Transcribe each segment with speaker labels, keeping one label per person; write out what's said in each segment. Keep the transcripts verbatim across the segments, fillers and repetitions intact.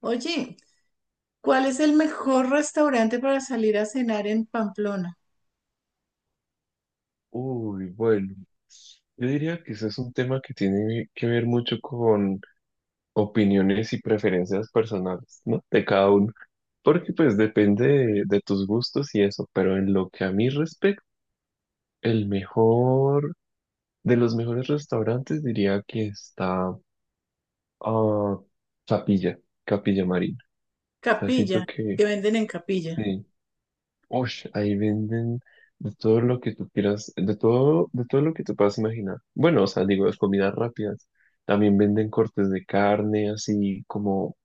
Speaker 1: Oye, ¿cuál es el mejor restaurante para salir a cenar en Pamplona?
Speaker 2: Uy, bueno, yo diría que eso es un tema que tiene que ver mucho con opiniones y preferencias personales, ¿no? De cada uno. Porque pues depende de, de tus gustos y eso, pero en lo que a mí respecta, el mejor, de los mejores restaurantes diría que está ah, Capilla, Capilla Marina. O sea, siento
Speaker 1: Capilla,
Speaker 2: que
Speaker 1: que venden en Capilla.
Speaker 2: eh, Ush, ahí venden de todo lo que tú quieras, de todo, de todo lo que te puedas imaginar. Bueno, o sea, digo, las comidas rápidas. También venden cortes de carne, así como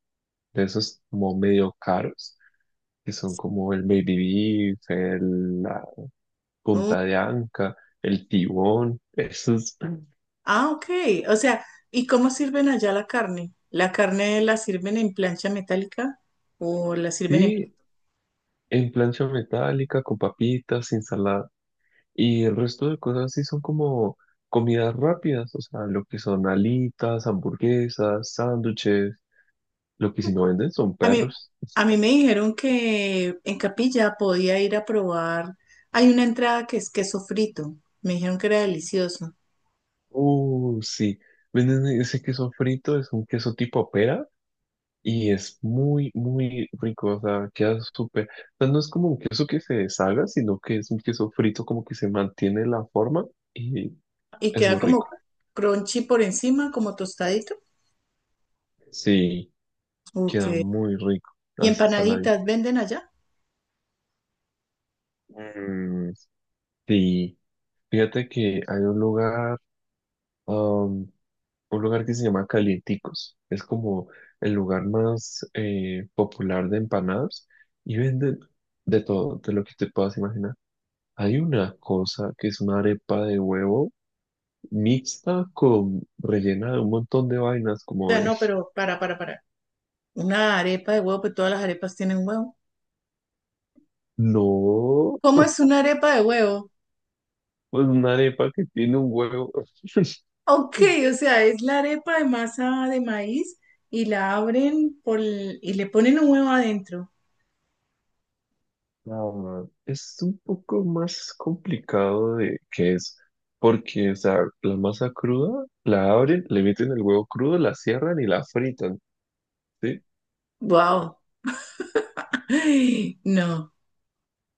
Speaker 2: de esos como medio caros, que son como el baby beef, el- la
Speaker 1: Mm,
Speaker 2: punta de anca, el tibón, esos.
Speaker 1: ah, ok. O sea, ¿y cómo sirven allá la carne? ¿La carne la sirven en plancha metálica o la sirven en?
Speaker 2: Sí, en plancha metálica, con papitas, ensalada. Y el resto de cosas sí son como comidas rápidas, o sea, lo que son alitas, hamburguesas, sándwiches, Lo que si no venden son
Speaker 1: A mí,
Speaker 2: perros.
Speaker 1: a mí me dijeron que en Capilla podía ir a probar. Hay una entrada que es queso frito. Me dijeron que era delicioso.
Speaker 2: Uh, sí. Venden ese queso frito, es un queso tipo pera y es muy, muy rico. O sea, queda súper. O sea, no es como un queso que se deshaga, sino que es un queso frito como que se mantiene la forma y
Speaker 1: Y
Speaker 2: es
Speaker 1: queda
Speaker 2: muy
Speaker 1: como
Speaker 2: rico.
Speaker 1: crunchy por encima, como tostadito.
Speaker 2: Sí,
Speaker 1: Ok.
Speaker 2: queda muy rico.
Speaker 1: ¿Y
Speaker 2: Así saladito.
Speaker 1: empanaditas venden allá?
Speaker 2: Mm, sí. Fíjate que hay un lugar. Un lugar que se llama Calienticos. Es como el lugar más eh, popular de empanadas y venden de todo, de lo que te puedas imaginar. Hay una cosa que es una arepa de huevo mixta con rellena de un montón de vainas, como
Speaker 1: Sea,
Speaker 2: de,
Speaker 1: no, pero para, para, para. Una arepa de huevo, pues todas las arepas tienen huevo.
Speaker 2: no,
Speaker 1: ¿Cómo es una arepa de huevo?
Speaker 2: pues una arepa que tiene un huevo.
Speaker 1: Ok, o sea, es la arepa de masa de maíz y la abren por el- y le ponen un huevo adentro.
Speaker 2: Ah, es un poco más complicado de que es, porque, o sea, la masa cruda la abren, le meten el huevo crudo, la cierran y la fritan, ¿sí?
Speaker 1: Wow. Ay, no.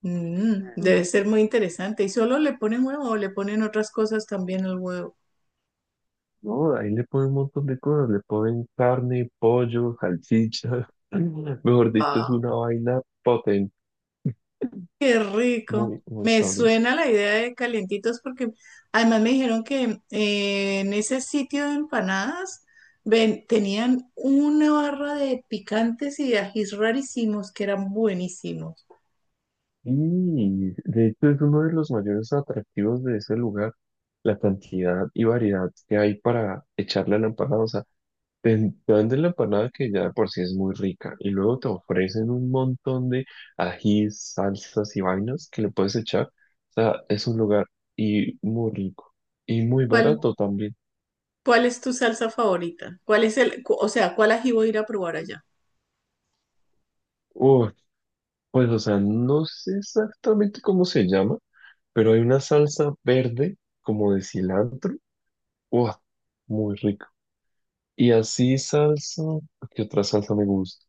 Speaker 1: Mm,
Speaker 2: Mm.
Speaker 1: debe ser muy interesante. ¿Y solo le ponen huevo o le ponen otras cosas también al huevo?
Speaker 2: No, ahí le ponen un montón de cosas, le ponen carne, pollo, salchicha, mejor dicho, es
Speaker 1: Ah.
Speaker 2: una vaina potente,
Speaker 1: Qué rico.
Speaker 2: muy, muy
Speaker 1: Me
Speaker 2: sabrosa.
Speaker 1: suena la idea de calientitos porque además me dijeron que eh, en ese sitio de empanadas ven- tenían una barra de picantes y de ajís rarísimos que eran buenísimos.
Speaker 2: Y de hecho es uno de los mayores atractivos de ese lugar, la cantidad y variedad que hay para echarle a la empanada, o sea, te dan de la empanada que ya de por sí es muy rica y luego te ofrecen un montón de ajís, salsas y vainas que le puedes echar. O sea, es un lugar y muy rico y muy
Speaker 1: ¿Cuál,
Speaker 2: barato también.
Speaker 1: cuál es tu salsa favorita? ¿Cuál es el, cu- o sea, cuál ají voy a ir a probar allá?
Speaker 2: Uf, pues o sea, no sé exactamente cómo se llama, pero hay una salsa verde como de cilantro. Uf, muy rico. Y así salsa, ¿qué otra salsa me gusta?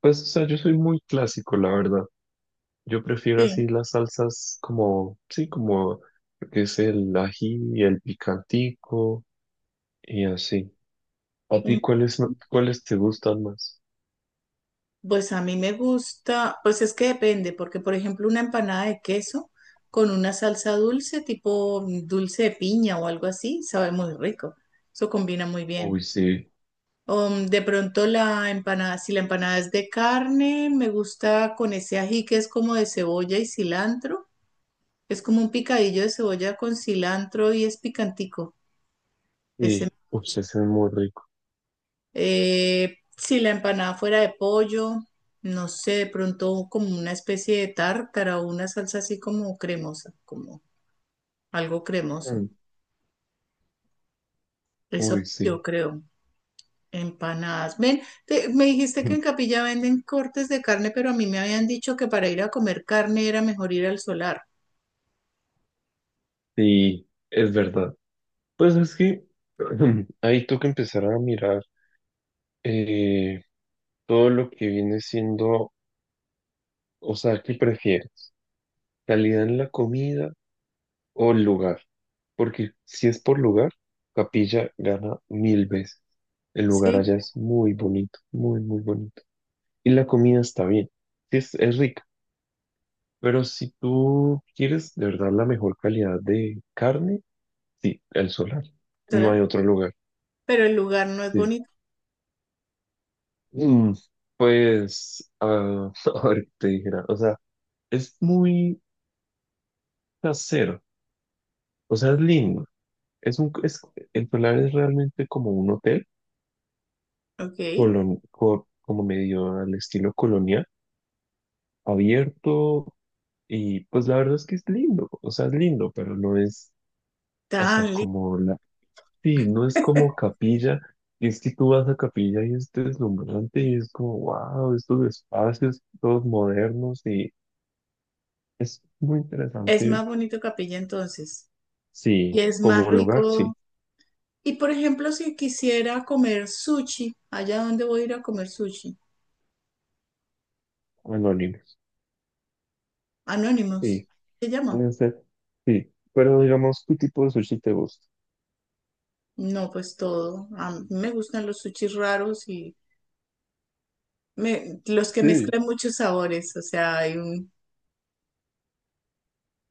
Speaker 2: Pues o sea, yo soy muy clásico, la verdad. Yo prefiero
Speaker 1: Sí.
Speaker 2: así las salsas como, sí, como lo que es el ají y el picantico y así. ¿A ti cuáles, no- cuáles te gustan más?
Speaker 1: Pues a mí me gusta, pues es que depende, porque por ejemplo una empanada de queso con una salsa dulce, tipo mm, dulce de piña o algo así, sabe muy rico. Eso combina muy bien.
Speaker 2: Uy, sí,
Speaker 1: O, mm, de pronto la empanada, si la empanada es de carne, me gusta con ese ají que es como de cebolla y cilantro. Es como un picadillo de cebolla con cilantro y es picantico. Ese
Speaker 2: sí, uy, se hacen muy rico.
Speaker 1: Eh, si la empanada fuera de pollo, no sé, de pronto como una especie de tártara o una salsa así como cremosa, como algo cremoso.
Speaker 2: Mm, uy,
Speaker 1: Eso yo
Speaker 2: sí,
Speaker 1: creo. Empanadas. Ven, te- me dijiste que en Capilla venden cortes de carne, pero a mí me habían dicho que para ir a comer carne era mejor ir al solar.
Speaker 2: sí, es verdad. Pues es que ahí toca empezar a mirar eh, todo lo que viene siendo, o sea, ¿qué prefieres? ¿Calidad en la comida o el lugar. Porque si es por lugar, Capilla gana mil veces. El lugar
Speaker 1: Sí,
Speaker 2: allá es muy bonito, muy, muy bonito. Y la comida está bien, sí es, es rica. Pero si tú quieres de verdad la mejor calidad de carne, sí, el Solar. No
Speaker 1: solar.
Speaker 2: hay otro lugar.
Speaker 1: Pero el lugar no es
Speaker 2: Sí.
Speaker 1: bonito.
Speaker 2: Mm, pues, ah, a ver qué te dijera. O sea, es muy casero. O sea, es lindo. Es un, es, el Solar es realmente como un hotel
Speaker 1: Ok.
Speaker 2: colon- co- como medio al estilo colonial, abierto, y pues la verdad es que es lindo, o sea, es lindo, pero no es, o sea,
Speaker 1: Tan lindo.
Speaker 2: como la, sí, no es como capilla, y es que tú vas a capilla y es deslumbrante y es como, wow, estos espacios todos modernos y es muy
Speaker 1: Es
Speaker 2: interesante,
Speaker 1: más bonito Capilla entonces. Y
Speaker 2: sí,
Speaker 1: es más
Speaker 2: como lugar, sí,
Speaker 1: rico. Y por ejemplo, si quisiera comer sushi, ¿allá dónde voy a ir a comer sushi?
Speaker 2: anónimos,
Speaker 1: Anónimos,
Speaker 2: sí,
Speaker 1: ¿se llama?
Speaker 2: puede ser, sí, pero digamos, ¿qué tipo de sushi te gusta?
Speaker 1: No, pues todo. A mí me gustan los sushis raros y me- los que
Speaker 2: Sí,
Speaker 1: mezclan muchos sabores. O sea, hay un,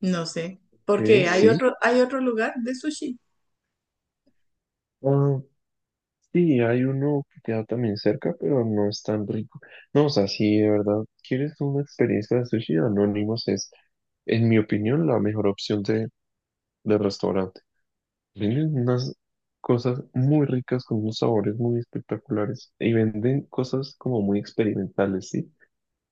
Speaker 1: no sé,
Speaker 2: ok,
Speaker 1: porque hay
Speaker 2: sí.
Speaker 1: otro, hay otro lugar de sushi.
Speaker 2: ah, Sí, hay uno que queda también cerca, pero no es tan rico. No, o sea, si de verdad quieres una experiencia de sushi, Anónimos es, en mi opinión, la mejor opción de, de restaurante. Venden unas cosas muy ricas con unos sabores muy espectaculares y venden cosas como muy experimentales, ¿sí?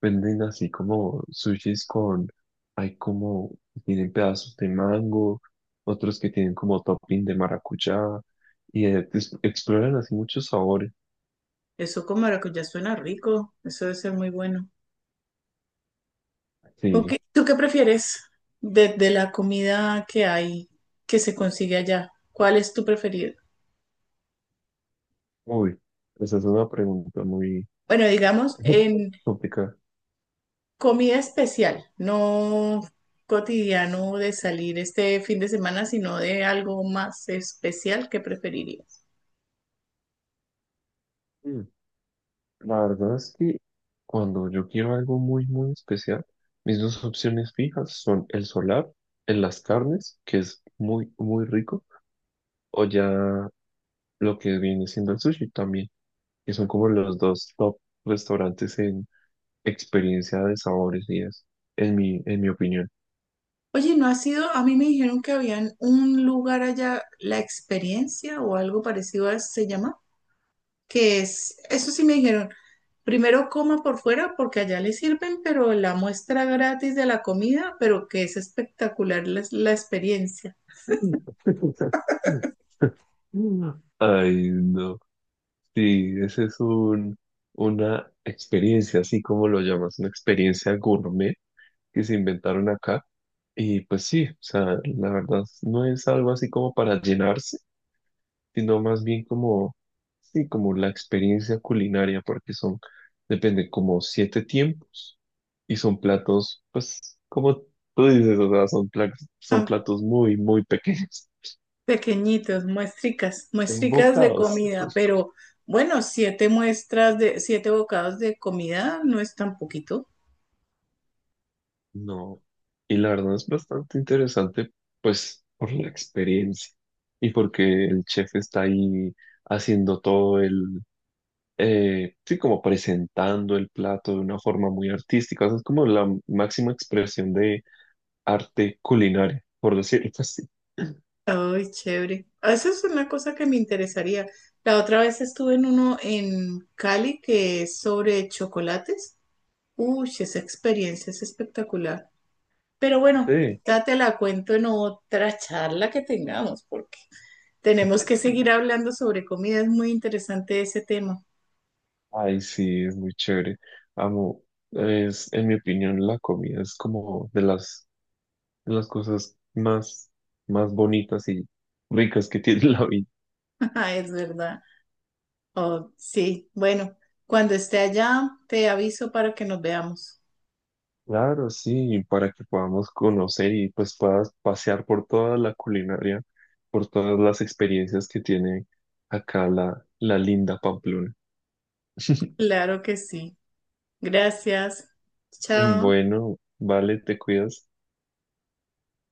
Speaker 2: Venden así como sushis con, hay como, tienen pedazos de mango, otros que tienen como topping de maracuyá y eh, pues, exploran así muchos sabores.
Speaker 1: Eso con maracuyá suena rico. Eso debe ser muy bueno. Ok,
Speaker 2: Sí,
Speaker 1: ¿tú qué prefieres de, de la comida que hay, que se consigue allá? ¿Cuál es tu preferido?
Speaker 2: uy, esa es una pregunta muy
Speaker 1: Bueno, digamos, en
Speaker 2: complicada.
Speaker 1: comida especial, no cotidiano de salir este fin de semana, sino de algo más especial que preferirías.
Speaker 2: Mm. La verdad es que cuando yo quiero algo muy, muy especial, mis dos opciones fijas son el solar en las carnes, que es muy, muy rico, o ya lo que viene siendo el sushi también, que son como los dos top restaurantes en experiencia de sabores y eso, en mi, en mi opinión.
Speaker 1: Oye, ¿no ha sido? A mí me dijeron que habían un lugar allá, La Experiencia o algo parecido a se llama, que es, eso sí me dijeron, primero coma por fuera porque allá le sirven, pero la muestra gratis de la comida, pero que es espectacular la, la experiencia.
Speaker 2: Ay, no. Sí, ese es un, una experiencia, así como lo llamas, una experiencia gourmet que se inventaron acá. Y pues sí, o sea, la verdad no es algo así como para llenarse, sino más bien como, sí, como la experiencia culinaria, porque son, depende, como siete tiempos y son platos, pues, como tú dices, o sea, son platos, son platos muy, muy pequeños,
Speaker 1: Pequeñitos, muestricas,
Speaker 2: son
Speaker 1: muestricas de
Speaker 2: bocados.
Speaker 1: comida, pero bueno, siete muestras de, siete bocados de comida no es tan poquito.
Speaker 2: No, y la verdad es bastante interesante, pues, por la experiencia y porque el chef está ahí haciendo todo el, eh, sí, como presentando el plato de una forma muy artística, o sea, es como la máxima expresión de arte culinario, por decirlo así.
Speaker 1: Ay, chévere. Ah, esa es una cosa que me interesaría. La otra vez estuve en uno en Cali que es sobre chocolates. Uy, esa experiencia es espectacular. Pero bueno,
Speaker 2: Sí.
Speaker 1: ya te la cuento en otra charla que tengamos, porque tenemos que seguir hablando sobre comida, es muy interesante ese tema.
Speaker 2: Ay, sí, es muy chévere. Amo, es, en mi opinión, la comida es como de las, de las cosas más, más bonitas y ricas que tiene la vida.
Speaker 1: Es verdad. Oh, sí, bueno, cuando esté allá te aviso para que nos veamos.
Speaker 2: Claro, sí, para que podamos conocer y pues puedas pasear por toda la culinaria, por todas las experiencias que tiene acá la, la linda Pamplona.
Speaker 1: Claro que sí. Gracias. Chao.
Speaker 2: Bueno, vale, te cuidas.